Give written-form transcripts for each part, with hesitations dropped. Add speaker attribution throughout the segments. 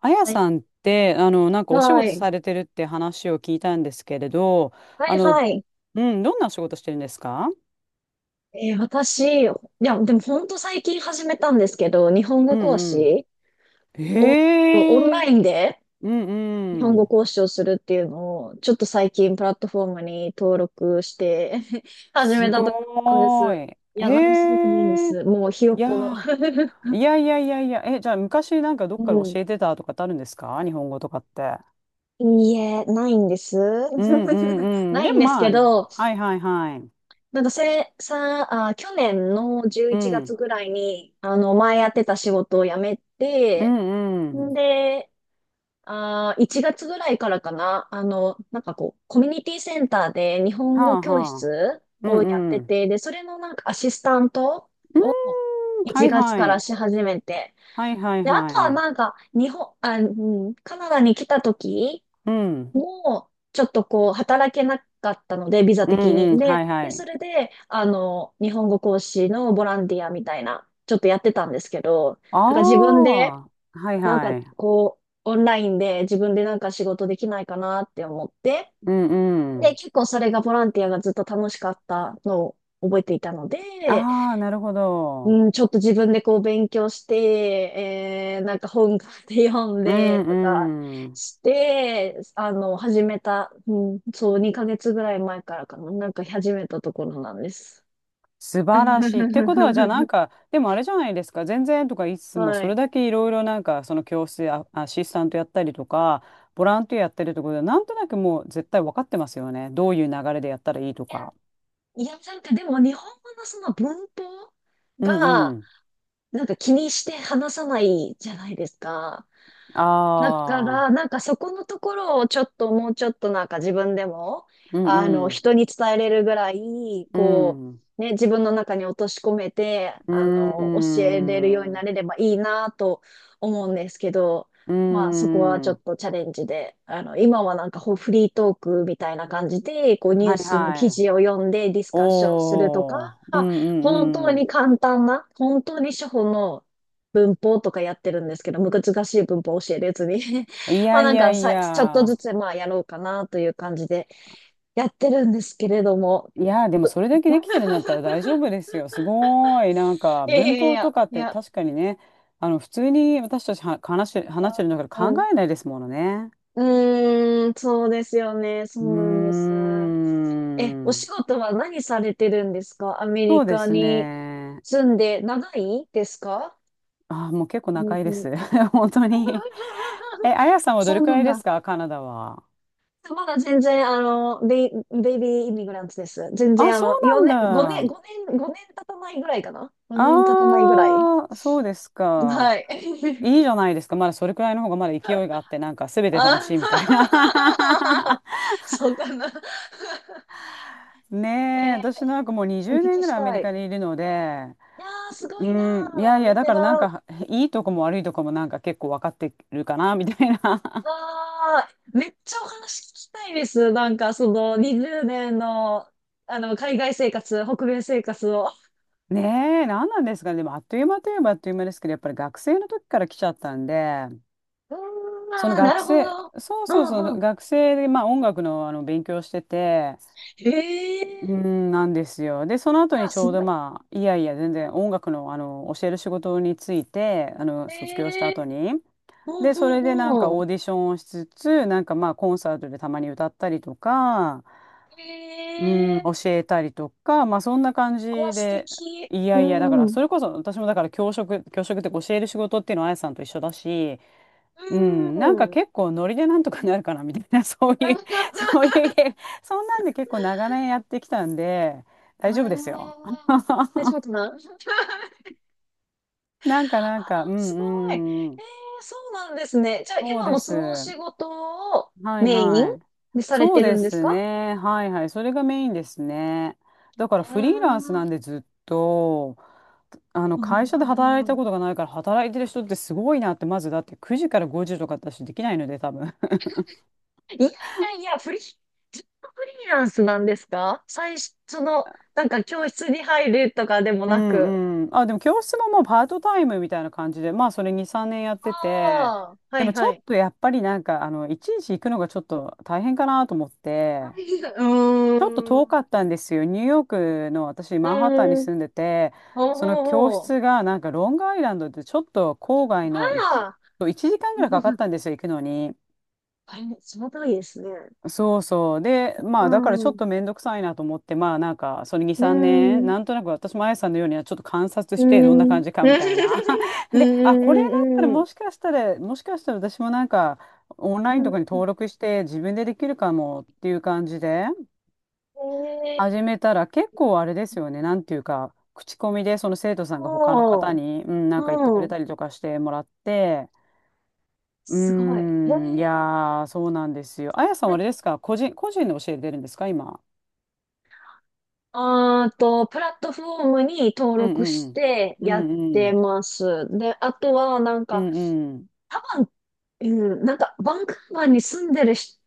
Speaker 1: あや
Speaker 2: はい。
Speaker 1: さんって、なんかお仕
Speaker 2: は
Speaker 1: 事
Speaker 2: い。
Speaker 1: されてるって話を聞いたんですけれど、
Speaker 2: は
Speaker 1: あ
Speaker 2: い
Speaker 1: の、
Speaker 2: はい。
Speaker 1: うん、どんなお仕事してるんですか？
Speaker 2: えー私、いや、でも本当最近始めたんですけど、日本
Speaker 1: う
Speaker 2: 語講
Speaker 1: ん
Speaker 2: 師
Speaker 1: うん。
Speaker 2: を、オン
Speaker 1: へ
Speaker 2: ラ
Speaker 1: え、
Speaker 2: インで
Speaker 1: うん
Speaker 2: 日
Speaker 1: う
Speaker 2: 本語
Speaker 1: ん。
Speaker 2: 講師をするっていうのを、ちょっと最近プラットフォームに登録して 始
Speaker 1: す
Speaker 2: めたところなんで
Speaker 1: ご
Speaker 2: す。
Speaker 1: ーい。
Speaker 2: いや、何もす
Speaker 1: へ
Speaker 2: ごくないんで
Speaker 1: え、
Speaker 2: す。もうひよ
Speaker 1: い
Speaker 2: っこの
Speaker 1: やー、いやいやいやいや、え、じゃあ昔なんかどっかで教え てたとかってあるんですか、日本語とかって？
Speaker 2: うん。いいえ、ないんです。
Speaker 1: うんう んうん。
Speaker 2: ない
Speaker 1: で
Speaker 2: ん
Speaker 1: も
Speaker 2: です
Speaker 1: ま
Speaker 2: け
Speaker 1: あね、
Speaker 2: ど、
Speaker 1: はいはいはい。
Speaker 2: なんかせ、さ、あ、去年の
Speaker 1: う
Speaker 2: 11月
Speaker 1: ん、
Speaker 2: ぐらいに、前やってた仕事を辞め
Speaker 1: う
Speaker 2: て、
Speaker 1: んう
Speaker 2: ん
Speaker 1: ん。
Speaker 2: で、1月ぐらいからかな、なんかこう、コミュニティセンターで日本
Speaker 1: は
Speaker 2: 語
Speaker 1: あ
Speaker 2: 教
Speaker 1: はあ。
Speaker 2: 室
Speaker 1: う
Speaker 2: をやっ
Speaker 1: んう
Speaker 2: て
Speaker 1: ん。
Speaker 2: て、で、それのなんかアシスタント
Speaker 1: うー
Speaker 2: を
Speaker 1: ん、は
Speaker 2: 1
Speaker 1: い
Speaker 2: 月か
Speaker 1: は
Speaker 2: ら
Speaker 1: い。
Speaker 2: し始めて、
Speaker 1: はいはい
Speaker 2: で、あ
Speaker 1: は
Speaker 2: とは
Speaker 1: い。
Speaker 2: なんか、日本、あ、うん、カナダに来た時
Speaker 1: うん。
Speaker 2: もう、ちょっとこう、働けなかったので、ビザ
Speaker 1: うん
Speaker 2: 的に。
Speaker 1: うん。
Speaker 2: で、
Speaker 1: はいは
Speaker 2: で、そ
Speaker 1: い。
Speaker 2: れで、日本語講師のボランティアみたいな、ちょっとやってたんですけど、
Speaker 1: あ
Speaker 2: なんか自分で、
Speaker 1: あ。はい
Speaker 2: なん
Speaker 1: は
Speaker 2: か
Speaker 1: い。
Speaker 2: こう、オンラインで自分でなんか仕事できないかなって思って、
Speaker 1: うんう
Speaker 2: で、
Speaker 1: ん。
Speaker 2: 結構それがボランティアがずっと楽しかったのを覚えていたので、
Speaker 1: ああ、なるほど。
Speaker 2: うん、ちょっと自分でこう勉強して、なんか本買って読ん
Speaker 1: う
Speaker 2: でとか
Speaker 1: んうん。
Speaker 2: して、あの、始めた、うん、そう、2ヶ月ぐらい前からかな、なんか始めたところなんです。
Speaker 1: 素晴らしい。ってことは、じゃあなん か、でもあれじゃないですか。全然とか言いつつも、
Speaker 2: は
Speaker 1: それ
Speaker 2: い。
Speaker 1: だけいろいろなんか、その教室でアシスタントやったりとか、ボランティアやってるってことで、なんとなくもう絶対分かってますよね。どういう流れでやったらいいとか。
Speaker 2: いや、なんかでも日本語のその文法
Speaker 1: うんう
Speaker 2: が、
Speaker 1: ん。
Speaker 2: なんか気にして話さないじゃないですか。だか
Speaker 1: あ
Speaker 2: ら、
Speaker 1: あ。
Speaker 2: なんかそこのところをちょっともうちょっとなんか自分でも、
Speaker 1: うんうん。
Speaker 2: 人に伝えれるぐらい、
Speaker 1: う
Speaker 2: こ
Speaker 1: ん。
Speaker 2: う、ね、自分の中に落とし込めて、
Speaker 1: う
Speaker 2: 教
Speaker 1: う
Speaker 2: えれるようにな
Speaker 1: ん。
Speaker 2: れればいいなと思うんですけど、
Speaker 1: うー
Speaker 2: まあそこはちょっ
Speaker 1: ん。
Speaker 2: とチャレンジで、今はなんかフリートークみたいな感じで、こうニュ
Speaker 1: は
Speaker 2: ー
Speaker 1: い
Speaker 2: スの記
Speaker 1: はい。
Speaker 2: 事を読んでディスカッションすると
Speaker 1: おー。
Speaker 2: か、
Speaker 1: うんうんうん。
Speaker 2: 本当に初歩の文法とかやってるんですけど、難しい文法教えるやつに
Speaker 1: い
Speaker 2: ま
Speaker 1: や
Speaker 2: あな
Speaker 1: い
Speaker 2: ん
Speaker 1: や
Speaker 2: か
Speaker 1: い
Speaker 2: さ、ちょっとず
Speaker 1: や。
Speaker 2: つまあやろうかなという感じでやってるんですけれども。
Speaker 1: いや、でもそれだけできてるん だったら大丈夫ですよ。すごーい。なんか
Speaker 2: いやい
Speaker 1: 文
Speaker 2: やい
Speaker 1: 法と
Speaker 2: や、
Speaker 1: かっ
Speaker 2: い
Speaker 1: て
Speaker 2: や、
Speaker 1: 確かにね、普通に私たちは話してるんだ
Speaker 2: う
Speaker 1: から考
Speaker 2: ん。
Speaker 1: えないですものね。
Speaker 2: うーん、そうですよね。そ
Speaker 1: う
Speaker 2: うなんです。
Speaker 1: ー
Speaker 2: え、お
Speaker 1: ん。
Speaker 2: 仕事は何されてるんですか？アメリ
Speaker 1: そうで
Speaker 2: カ
Speaker 1: す
Speaker 2: に
Speaker 1: ね。
Speaker 2: 住んで長いですか？
Speaker 1: あー、もう結構
Speaker 2: アメリ
Speaker 1: 仲いい
Speaker 2: カ
Speaker 1: で
Speaker 2: に
Speaker 1: す。本当に。え、あやさんはど
Speaker 2: そ
Speaker 1: れ
Speaker 2: う
Speaker 1: く
Speaker 2: な
Speaker 1: ら
Speaker 2: ん
Speaker 1: いです
Speaker 2: だ。
Speaker 1: か、カナダは？
Speaker 2: まだ全然、ベイビーイミグランツです。全
Speaker 1: あ、
Speaker 2: 然、
Speaker 1: そう
Speaker 2: 4年、
Speaker 1: な
Speaker 2: 5年、
Speaker 1: んだ。
Speaker 2: 5年、5年経たないぐらいかな？ 5 年経たないぐらい。
Speaker 1: ああ、そうですか。
Speaker 2: はい。
Speaker 1: いいじゃないですか。まだそれくらいの方がまだ勢いがあって、なんか全て楽
Speaker 2: あ
Speaker 1: しいみたいな。
Speaker 2: そうかな。
Speaker 1: ねえ、
Speaker 2: えー
Speaker 1: 私なんかもう
Speaker 2: お
Speaker 1: 20
Speaker 2: 聞
Speaker 1: 年
Speaker 2: き
Speaker 1: ぐ
Speaker 2: し
Speaker 1: らいアメ
Speaker 2: た
Speaker 1: リカ
Speaker 2: い。
Speaker 1: にいるので、
Speaker 2: いやー、すご
Speaker 1: う
Speaker 2: いな
Speaker 1: ん、いやい
Speaker 2: ー。
Speaker 1: や、
Speaker 2: ベ
Speaker 1: だ
Speaker 2: テ
Speaker 1: からなん
Speaker 2: ラン。
Speaker 1: かいいとこも悪いとこもなんか結構分かってるかな、みたいな。
Speaker 2: あー、めっちゃお話聞きたいです。なんか、その、20年の、海外生活、北米生活を。
Speaker 1: ねえ、何なんですかね。でもあっという間といえばあっという間ですけど、やっぱり学生の時から来ちゃったんで、
Speaker 2: うーん、
Speaker 1: その
Speaker 2: あーな
Speaker 1: 学
Speaker 2: るほ
Speaker 1: 生、
Speaker 2: ど。
Speaker 1: そう
Speaker 2: う
Speaker 1: そうそ
Speaker 2: んう
Speaker 1: う、
Speaker 2: ん。
Speaker 1: 学生でまあ音楽の、勉強してて、
Speaker 2: えー。
Speaker 1: うん、なんですよ。で、その
Speaker 2: い
Speaker 1: 後に
Speaker 2: や、
Speaker 1: ち
Speaker 2: す
Speaker 1: ょう
Speaker 2: ご
Speaker 1: ど
Speaker 2: い。
Speaker 1: まあ、いやいや、全然音楽の、教える仕事について、
Speaker 2: え
Speaker 1: 卒業した後
Speaker 2: え
Speaker 1: に。
Speaker 2: ー。う
Speaker 1: で、それで
Speaker 2: ん
Speaker 1: なん
Speaker 2: う
Speaker 1: か
Speaker 2: んうん。
Speaker 1: オーディションをしつつ、なんかまあ、コンサートでたまに歌ったりとか、うん、
Speaker 2: ええ
Speaker 1: 教えたりとか、まあ、そんな感じ
Speaker 2: ー。あ、素
Speaker 1: で、
Speaker 2: 敵。
Speaker 1: い
Speaker 2: う
Speaker 1: やいや、だから、
Speaker 2: ん。
Speaker 1: それこそ私もだから教職、教職っていうか教える仕事っていうのはあやさんと一緒だし、うん、な
Speaker 2: う
Speaker 1: んか
Speaker 2: ん。
Speaker 1: 結構ノリでなんとかなるかなみたいな、そういう、そういうゲームそんなんで結構長年やってきたんで、
Speaker 2: あ
Speaker 1: 大丈夫ですよ。
Speaker 2: あ。え、ちょっと待ってな。
Speaker 1: うん
Speaker 2: あ、す
Speaker 1: う
Speaker 2: ごい。え
Speaker 1: んうん、
Speaker 2: え、そうなんですね。じゃあ、
Speaker 1: そう
Speaker 2: 今
Speaker 1: で
Speaker 2: もそ
Speaker 1: す。
Speaker 2: のお仕事を
Speaker 1: はい
Speaker 2: メイン
Speaker 1: はい。
Speaker 2: でされ
Speaker 1: そう
Speaker 2: てる
Speaker 1: で
Speaker 2: んです
Speaker 1: す
Speaker 2: か？
Speaker 1: ね。はいはい。それがメインですね。だから
Speaker 2: え
Speaker 1: フリーランス
Speaker 2: ー。
Speaker 1: なんでずっと、
Speaker 2: う
Speaker 1: 会
Speaker 2: ん、
Speaker 1: 社で働いたことがないから、働いてる人ってすごいなって。まずだって9時から5時とか私できないので、多分。
Speaker 2: いやいやいや、フリー、ずっとフリーランスなんですか？最初、その、なんか教室に入るとかでも
Speaker 1: う
Speaker 2: なく。
Speaker 1: んうん。あ、でも教室ももうパートタイムみたいな感じで、まあそれ2、3年やってて、
Speaker 2: ああ、は
Speaker 1: で
Speaker 2: い
Speaker 1: もち
Speaker 2: は
Speaker 1: ょっ
Speaker 2: い。
Speaker 1: とやっぱりなんか、いちいち行くのがちょっと大変かなと思って、
Speaker 2: う
Speaker 1: ちょっと
Speaker 2: ー
Speaker 1: 遠
Speaker 2: ん。
Speaker 1: かったんですよ。ニューヨークの私、
Speaker 2: う
Speaker 1: マンハッタンに
Speaker 2: ーん、
Speaker 1: 住んでて、
Speaker 2: ほう
Speaker 1: その
Speaker 2: ほう
Speaker 1: 教
Speaker 2: ほ
Speaker 1: 室がなんかロングアイランドでちょっと郊
Speaker 2: う。
Speaker 1: 外の、
Speaker 2: ま
Speaker 1: 1、
Speaker 2: あ、
Speaker 1: 1時間ぐらいかかっ たんですよ、行くのに。
Speaker 2: あれ、その通りですね。
Speaker 1: そうそう。で、
Speaker 2: う
Speaker 1: まあ、だからち
Speaker 2: ん、
Speaker 1: ょっ
Speaker 2: う
Speaker 1: とめんどくさいなと思って、まあ、なんか、その2、
Speaker 2: ー
Speaker 1: 3年、
Speaker 2: ん、う
Speaker 1: なんとなく私もあやさんのようにはちょっと観察
Speaker 2: ー
Speaker 1: して、どんな
Speaker 2: ん、
Speaker 1: 感じかみたい
Speaker 2: うん、
Speaker 1: な。
Speaker 2: うん、
Speaker 1: で、あ、これだったら
Speaker 2: うん、う
Speaker 1: もしかしたら、もしかしたら私もなんか、オンラ
Speaker 2: ん、
Speaker 1: インとかに登録して、自分でできるかもっていう感じで、
Speaker 2: うんえ
Speaker 1: 始
Speaker 2: え
Speaker 1: めたら結構あれですよね、なんていうか、口コミで、その生徒さんが他の
Speaker 2: ー、お
Speaker 1: 方
Speaker 2: ー、
Speaker 1: に、うん、な
Speaker 2: う
Speaker 1: んか言ってくれ
Speaker 2: ん、
Speaker 1: たりとかしてもらって、う
Speaker 2: すごい。え
Speaker 1: ーん、いや
Speaker 2: え
Speaker 1: ー、そうなんですよ。あやさんはあれ
Speaker 2: ー、
Speaker 1: ですか、個人で教えてるんですか、今？
Speaker 2: あーと、プラットフォームに登
Speaker 1: うん
Speaker 2: 録
Speaker 1: う
Speaker 2: し
Speaker 1: ん
Speaker 2: て
Speaker 1: う
Speaker 2: やっ
Speaker 1: んう
Speaker 2: て
Speaker 1: ん
Speaker 2: ます。で、あとは、なん
Speaker 1: う
Speaker 2: か、
Speaker 1: んうん
Speaker 2: 多うん、なんか、バンクーバーに住んでる人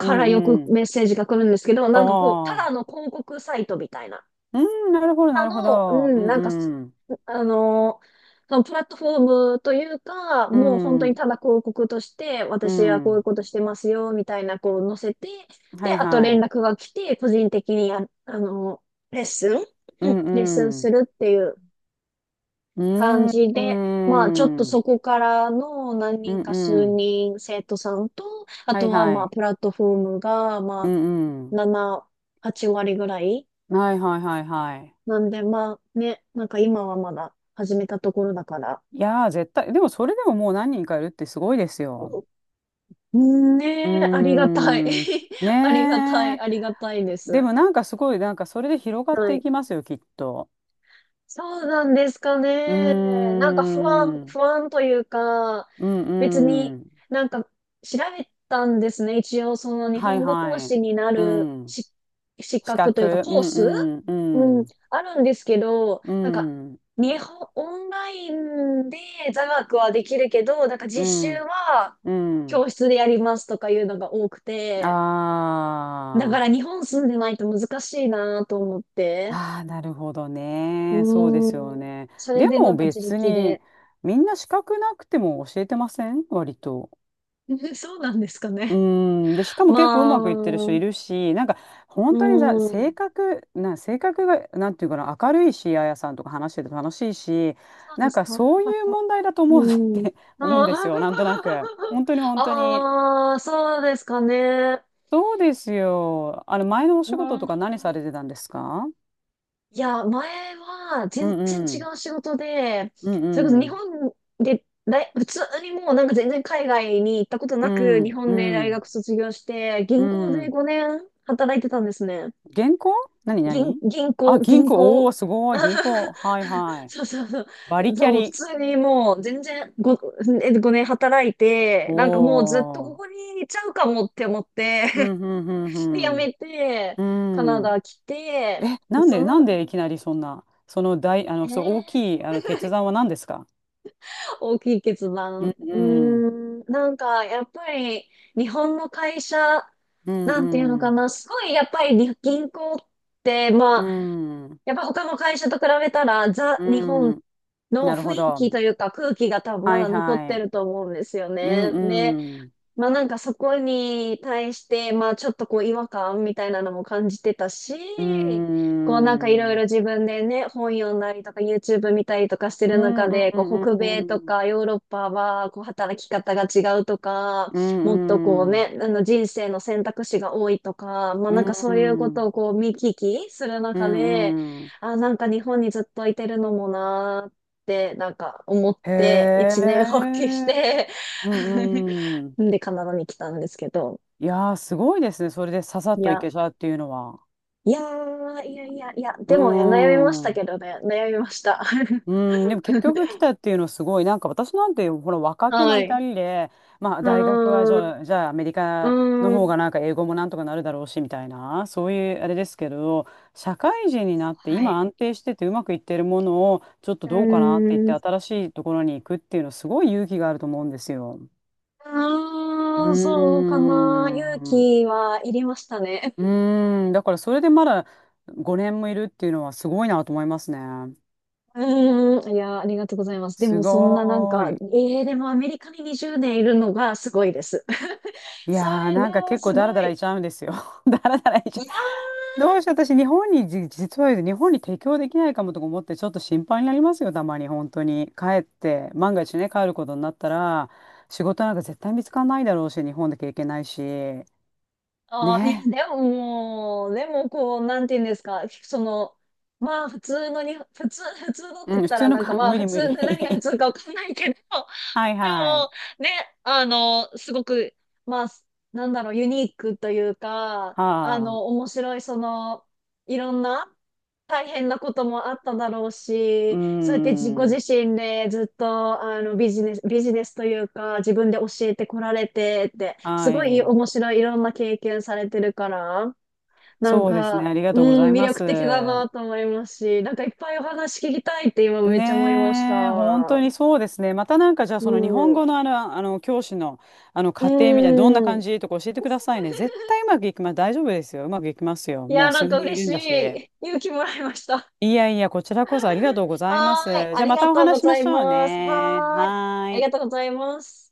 Speaker 1: うん
Speaker 2: ら
Speaker 1: う
Speaker 2: よく
Speaker 1: んうん。
Speaker 2: メッセージが来るんですけど、なんかこう、た
Speaker 1: あ
Speaker 2: だ
Speaker 1: あ
Speaker 2: の広告サイトみたいな。
Speaker 1: ー、うん、なるほどなるほど。
Speaker 2: う
Speaker 1: う
Speaker 2: ん、
Speaker 1: ん
Speaker 2: なんかす、
Speaker 1: うん
Speaker 2: あの、そのプラットフォームというか、
Speaker 1: う
Speaker 2: もう本当に
Speaker 1: ん
Speaker 2: ただ広告として、
Speaker 1: う
Speaker 2: 私はこういう
Speaker 1: ん。
Speaker 2: ことしてますよ、みたいな、こう載せて、
Speaker 1: は
Speaker 2: で、
Speaker 1: い
Speaker 2: あと
Speaker 1: は
Speaker 2: 連絡
Speaker 1: い。
Speaker 2: が来て、個人的にや、あの、レッスン、
Speaker 1: う
Speaker 2: う
Speaker 1: ん
Speaker 2: ん、レッスン
Speaker 1: う
Speaker 2: す
Speaker 1: ん
Speaker 2: るっていう
Speaker 1: う
Speaker 2: 感
Speaker 1: ん
Speaker 2: じ
Speaker 1: う
Speaker 2: で、まあちょっと
Speaker 1: ん
Speaker 2: そこからの何
Speaker 1: うん。
Speaker 2: 人か
Speaker 1: う
Speaker 2: 数
Speaker 1: ん。
Speaker 2: 人生徒さんと、あ
Speaker 1: はい
Speaker 2: とは
Speaker 1: は
Speaker 2: まあ
Speaker 1: い。
Speaker 2: プラットフォームが
Speaker 1: う
Speaker 2: ま
Speaker 1: んう
Speaker 2: あ
Speaker 1: ん。
Speaker 2: 7、8割ぐらい。
Speaker 1: はいはいはいはい。
Speaker 2: なんでまあね、なんか今はまだ始めたところだから。
Speaker 1: いやー、絶対。でもそれでも、もう何人かいるってすごいですよ。
Speaker 2: うんね
Speaker 1: うー
Speaker 2: え、ありがたい。
Speaker 1: ん、
Speaker 2: ありがた
Speaker 1: ね
Speaker 2: い、あり
Speaker 1: え。
Speaker 2: がたいで
Speaker 1: で
Speaker 2: す。
Speaker 1: もなんかすごい、なんかそれで広がっ
Speaker 2: は
Speaker 1: てい
Speaker 2: い。
Speaker 1: きますよ、きっと。
Speaker 2: そうなんですか
Speaker 1: うー
Speaker 2: ね。なんか不安、
Speaker 1: ん。
Speaker 2: 不安というか、
Speaker 1: う
Speaker 2: 別
Speaker 1: ん
Speaker 2: に
Speaker 1: うん。
Speaker 2: なんか調べたんですね。一応その日
Speaker 1: はい
Speaker 2: 本語講
Speaker 1: はい。
Speaker 2: 師にな
Speaker 1: う
Speaker 2: る
Speaker 1: ん。
Speaker 2: し資
Speaker 1: 資
Speaker 2: 格というか
Speaker 1: 格。う
Speaker 2: コー
Speaker 1: ん
Speaker 2: ス、
Speaker 1: うん
Speaker 2: う
Speaker 1: う
Speaker 2: ん、
Speaker 1: ん。
Speaker 2: あるんですけど、なんかオンラインで座学はできるけど、なんか
Speaker 1: う
Speaker 2: 実習
Speaker 1: ん。
Speaker 2: は
Speaker 1: うん。
Speaker 2: 教室でやりますとかいうのが多く
Speaker 1: あ
Speaker 2: て、だから
Speaker 1: あ。
Speaker 2: 日本住んでないと難しいなと思って。
Speaker 1: ああ、なるほど
Speaker 2: う
Speaker 1: ね。そうですよ
Speaker 2: ーん。
Speaker 1: ね。
Speaker 2: それ
Speaker 1: で
Speaker 2: でな
Speaker 1: も
Speaker 2: んか自
Speaker 1: 別
Speaker 2: 力
Speaker 1: に、
Speaker 2: で。
Speaker 1: みんな資格なくても教えてません、割と。
Speaker 2: そうなんですか
Speaker 1: う
Speaker 2: ね。
Speaker 1: ーん、で、しかも結構う
Speaker 2: まあ、
Speaker 1: まくいってる人
Speaker 2: う
Speaker 1: い
Speaker 2: ん。
Speaker 1: るし、なんか本
Speaker 2: そ
Speaker 1: 当にさ、性格が、なんていうかな、明るいし、あやさんとか話してて楽しいし、
Speaker 2: う
Speaker 1: な
Speaker 2: で
Speaker 1: ん
Speaker 2: す
Speaker 1: か
Speaker 2: か。よ
Speaker 1: そう
Speaker 2: かっ
Speaker 1: いう
Speaker 2: た。
Speaker 1: 問題だと
Speaker 2: う
Speaker 1: 思う なっ
Speaker 2: ん。
Speaker 1: て
Speaker 2: あ
Speaker 1: 思うんです
Speaker 2: ー
Speaker 1: よ、なんとなく。本当に 本当に。
Speaker 2: あー、あそうですかね。
Speaker 1: そうですよ。前のお
Speaker 2: う
Speaker 1: 仕事とか何さ
Speaker 2: ん。
Speaker 1: れてたんですか？
Speaker 2: いや、前は
Speaker 1: う
Speaker 2: 全
Speaker 1: ん
Speaker 2: 然
Speaker 1: う
Speaker 2: 違
Speaker 1: ん。
Speaker 2: う仕事で、
Speaker 1: うん
Speaker 2: それこ
Speaker 1: う
Speaker 2: そ日
Speaker 1: ん。
Speaker 2: 本で大、普通にもうなんか全然海外に行ったこと
Speaker 1: う
Speaker 2: なく、日
Speaker 1: んう
Speaker 2: 本で大
Speaker 1: ん。
Speaker 2: 学卒業して、
Speaker 1: う
Speaker 2: 銀行で
Speaker 1: ん。
Speaker 2: 5年働いてたんですね。
Speaker 1: 銀行？何？何？
Speaker 2: 銀
Speaker 1: あ、
Speaker 2: 行、
Speaker 1: 銀
Speaker 2: 銀
Speaker 1: 行。お
Speaker 2: 行。
Speaker 1: ー、すごい。銀 行。はいはい。
Speaker 2: そうそうそ
Speaker 1: バリ
Speaker 2: う。
Speaker 1: キャ
Speaker 2: そう、普
Speaker 1: リ。
Speaker 2: 通にもう全然5年働いて、
Speaker 1: お
Speaker 2: なんかもうずっとこ
Speaker 1: ー。
Speaker 2: こにいちゃうかもって思って、
Speaker 1: うん、うん、
Speaker 2: で、辞
Speaker 1: うん、
Speaker 2: めて、
Speaker 1: う
Speaker 2: カ
Speaker 1: ん。
Speaker 2: ナ
Speaker 1: うん。
Speaker 2: ダ来て、
Speaker 1: え、
Speaker 2: で
Speaker 1: なん
Speaker 2: そ
Speaker 1: で、
Speaker 2: の、
Speaker 1: なんでいきなりそんな、その大、あの、
Speaker 2: え
Speaker 1: そう、大
Speaker 2: ー、
Speaker 1: きい、決断は何ですか？
Speaker 2: 大きい決
Speaker 1: う
Speaker 2: 断。
Speaker 1: ん、
Speaker 2: うー
Speaker 1: うん、
Speaker 2: ん、なんかやっぱり日本の会社、
Speaker 1: うん、
Speaker 2: なんていうの
Speaker 1: う
Speaker 2: か
Speaker 1: ん、
Speaker 2: な、すごいやっぱりに銀行って、ま
Speaker 1: う
Speaker 2: あ、
Speaker 1: ん、
Speaker 2: やっぱ他の会社と比べたら、ザ・日本
Speaker 1: うん。
Speaker 2: の
Speaker 1: なる
Speaker 2: 雰
Speaker 1: ほ
Speaker 2: 囲
Speaker 1: ど。
Speaker 2: 気というか空気が多分ま
Speaker 1: はい、
Speaker 2: だ残っ
Speaker 1: は
Speaker 2: て
Speaker 1: い。
Speaker 2: ると思うんですよ
Speaker 1: うん、
Speaker 2: ね。ね、
Speaker 1: うん、
Speaker 2: まあなんかそこに対して、まあちょっとこう違和感みたいなのも感じてた
Speaker 1: うん、
Speaker 2: し、こうなんかいろい
Speaker 1: う
Speaker 2: ろ
Speaker 1: ん、
Speaker 2: 自分でね、本読んだりとか YouTube 見たりとかして
Speaker 1: う
Speaker 2: る
Speaker 1: ん、
Speaker 2: 中
Speaker 1: う
Speaker 2: で、こう
Speaker 1: ん、
Speaker 2: 北
Speaker 1: う
Speaker 2: 米と
Speaker 1: ん、
Speaker 2: かヨーロッパはこう働き方が違うとか、
Speaker 1: う
Speaker 2: もっとこう
Speaker 1: ん、うん、
Speaker 2: ね、人生の選択肢が多いとか、まあなんかそういうことをこう見聞きする
Speaker 1: う
Speaker 2: 中で、
Speaker 1: ん、うん。
Speaker 2: あ、なんか日本にずっといてるのもなーってなんか思っ
Speaker 1: へ
Speaker 2: て一年発起し
Speaker 1: え。
Speaker 2: て
Speaker 1: うん、う ん。
Speaker 2: んでカナダに来たんですけど、
Speaker 1: いやー、すごいですね。それでささっ
Speaker 2: い
Speaker 1: とい
Speaker 2: や、
Speaker 1: けちゃうっていうのは。
Speaker 2: いやー、いやいやいや、
Speaker 1: う
Speaker 2: で
Speaker 1: ー
Speaker 2: もね、悩みました
Speaker 1: ん。う
Speaker 2: けどね、悩みました。
Speaker 1: ん、でも結局来 たっていうのすごい、なんか私なんて、ほら、若気の
Speaker 2: は
Speaker 1: 至
Speaker 2: い。
Speaker 1: りで、まあ、
Speaker 2: う
Speaker 1: 大学はじ
Speaker 2: ーん、
Speaker 1: ゃあ、じゃあアメリカの
Speaker 2: うー
Speaker 1: 方
Speaker 2: ん、
Speaker 1: がなんか英語もなんとかなるだろうし、みたいな、そういうあれですけど、社会人になって
Speaker 2: は
Speaker 1: 今
Speaker 2: い。
Speaker 1: 安定しててうまくいってるものを、ちょっと
Speaker 2: う
Speaker 1: どうかなって言っ
Speaker 2: ーん、
Speaker 1: て
Speaker 2: う
Speaker 1: 新しいところに行くっていうのすごい勇気があると思うんですよ。うー
Speaker 2: ーん、そうかな。勇
Speaker 1: ん。う
Speaker 2: 気はいりましたね。
Speaker 1: ーん。だからそれでまだ5年もいるっていうのはすごいなと思いますね。
Speaker 2: うーん、いや、ありがとうございます。で
Speaker 1: す
Speaker 2: も、そんななん
Speaker 1: ご
Speaker 2: か、
Speaker 1: ーい。
Speaker 2: でもアメリカに20年いるのがすごいです。
Speaker 1: い
Speaker 2: そ
Speaker 1: やー、
Speaker 2: れで
Speaker 1: なんか結構
Speaker 2: す
Speaker 1: ダラ
Speaker 2: ご
Speaker 1: ダラ
Speaker 2: い。
Speaker 1: いちゃうんですよ。ダラダラいち
Speaker 2: い
Speaker 1: ゃう。
Speaker 2: やー
Speaker 1: どうしよう、私、日本にじ、実は言うと日本に提供できないかもとか思って、ちょっと心配になりますよ、たまに、本当に。帰って、万が一ね、帰ることになったら、仕事なんか絶対見つからないだろうし、日本だけいけないし。ね。
Speaker 2: ああ、いや、でも、でも、こう、なんて言うんですか、その、まあ、普通のに、普通、普通のっ
Speaker 1: う
Speaker 2: て言
Speaker 1: ん、
Speaker 2: っ
Speaker 1: 普
Speaker 2: た
Speaker 1: 通
Speaker 2: ら、
Speaker 1: の
Speaker 2: なんか
Speaker 1: か、
Speaker 2: まあ、
Speaker 1: 無
Speaker 2: 普
Speaker 1: 理無
Speaker 2: 通、
Speaker 1: 理。
Speaker 2: 何が普通 かわかんないけど、
Speaker 1: はい
Speaker 2: で
Speaker 1: は
Speaker 2: も、
Speaker 1: い。
Speaker 2: ね、すごく、まあ、なんだろう、ユニークというか、
Speaker 1: はあ。
Speaker 2: 面白い、その、いろんな、大変なこともあっただろう
Speaker 1: うー
Speaker 2: し、そうやって自己自
Speaker 1: ん。
Speaker 2: 身でずっとビジネス、ビジネスというか自分で教えてこられてって、
Speaker 1: は
Speaker 2: すごい
Speaker 1: い。
Speaker 2: 面白いいろんな経験されてるから、なん
Speaker 1: そうですね。
Speaker 2: か、
Speaker 1: ありが
Speaker 2: う
Speaker 1: とうござ
Speaker 2: ん、
Speaker 1: い
Speaker 2: 魅
Speaker 1: ます。
Speaker 2: 力的だなと思いますし、なんかいっぱいお話聞きたいって今めっちゃ思いまし
Speaker 1: ねえ、本当
Speaker 2: た。
Speaker 1: にそうですね。またなんかじゃあ
Speaker 2: う
Speaker 1: その日本
Speaker 2: ん。
Speaker 1: 語の教師の、家庭みたいなどんな
Speaker 2: う
Speaker 1: 感
Speaker 2: ん。
Speaker 1: じとか教えてくださいね。絶 対うまくいきます。大丈夫ですよ。うまくいきますよ。
Speaker 2: い
Speaker 1: も
Speaker 2: や、
Speaker 1: う
Speaker 2: なん
Speaker 1: 数
Speaker 2: か
Speaker 1: 人い
Speaker 2: 嬉
Speaker 1: る
Speaker 2: し
Speaker 1: んだし。
Speaker 2: い。勇気もらいました。
Speaker 1: いやいや、こちらこそありが とうございま
Speaker 2: はーい。
Speaker 1: す。
Speaker 2: あ
Speaker 1: じゃあ
Speaker 2: り
Speaker 1: ま
Speaker 2: が
Speaker 1: たお
Speaker 2: とうご
Speaker 1: 話ししま
Speaker 2: ざい
Speaker 1: しょう
Speaker 2: ます。
Speaker 1: ね。
Speaker 2: はーい。
Speaker 1: は
Speaker 2: あ
Speaker 1: ー
Speaker 2: りがと
Speaker 1: い。
Speaker 2: うございます。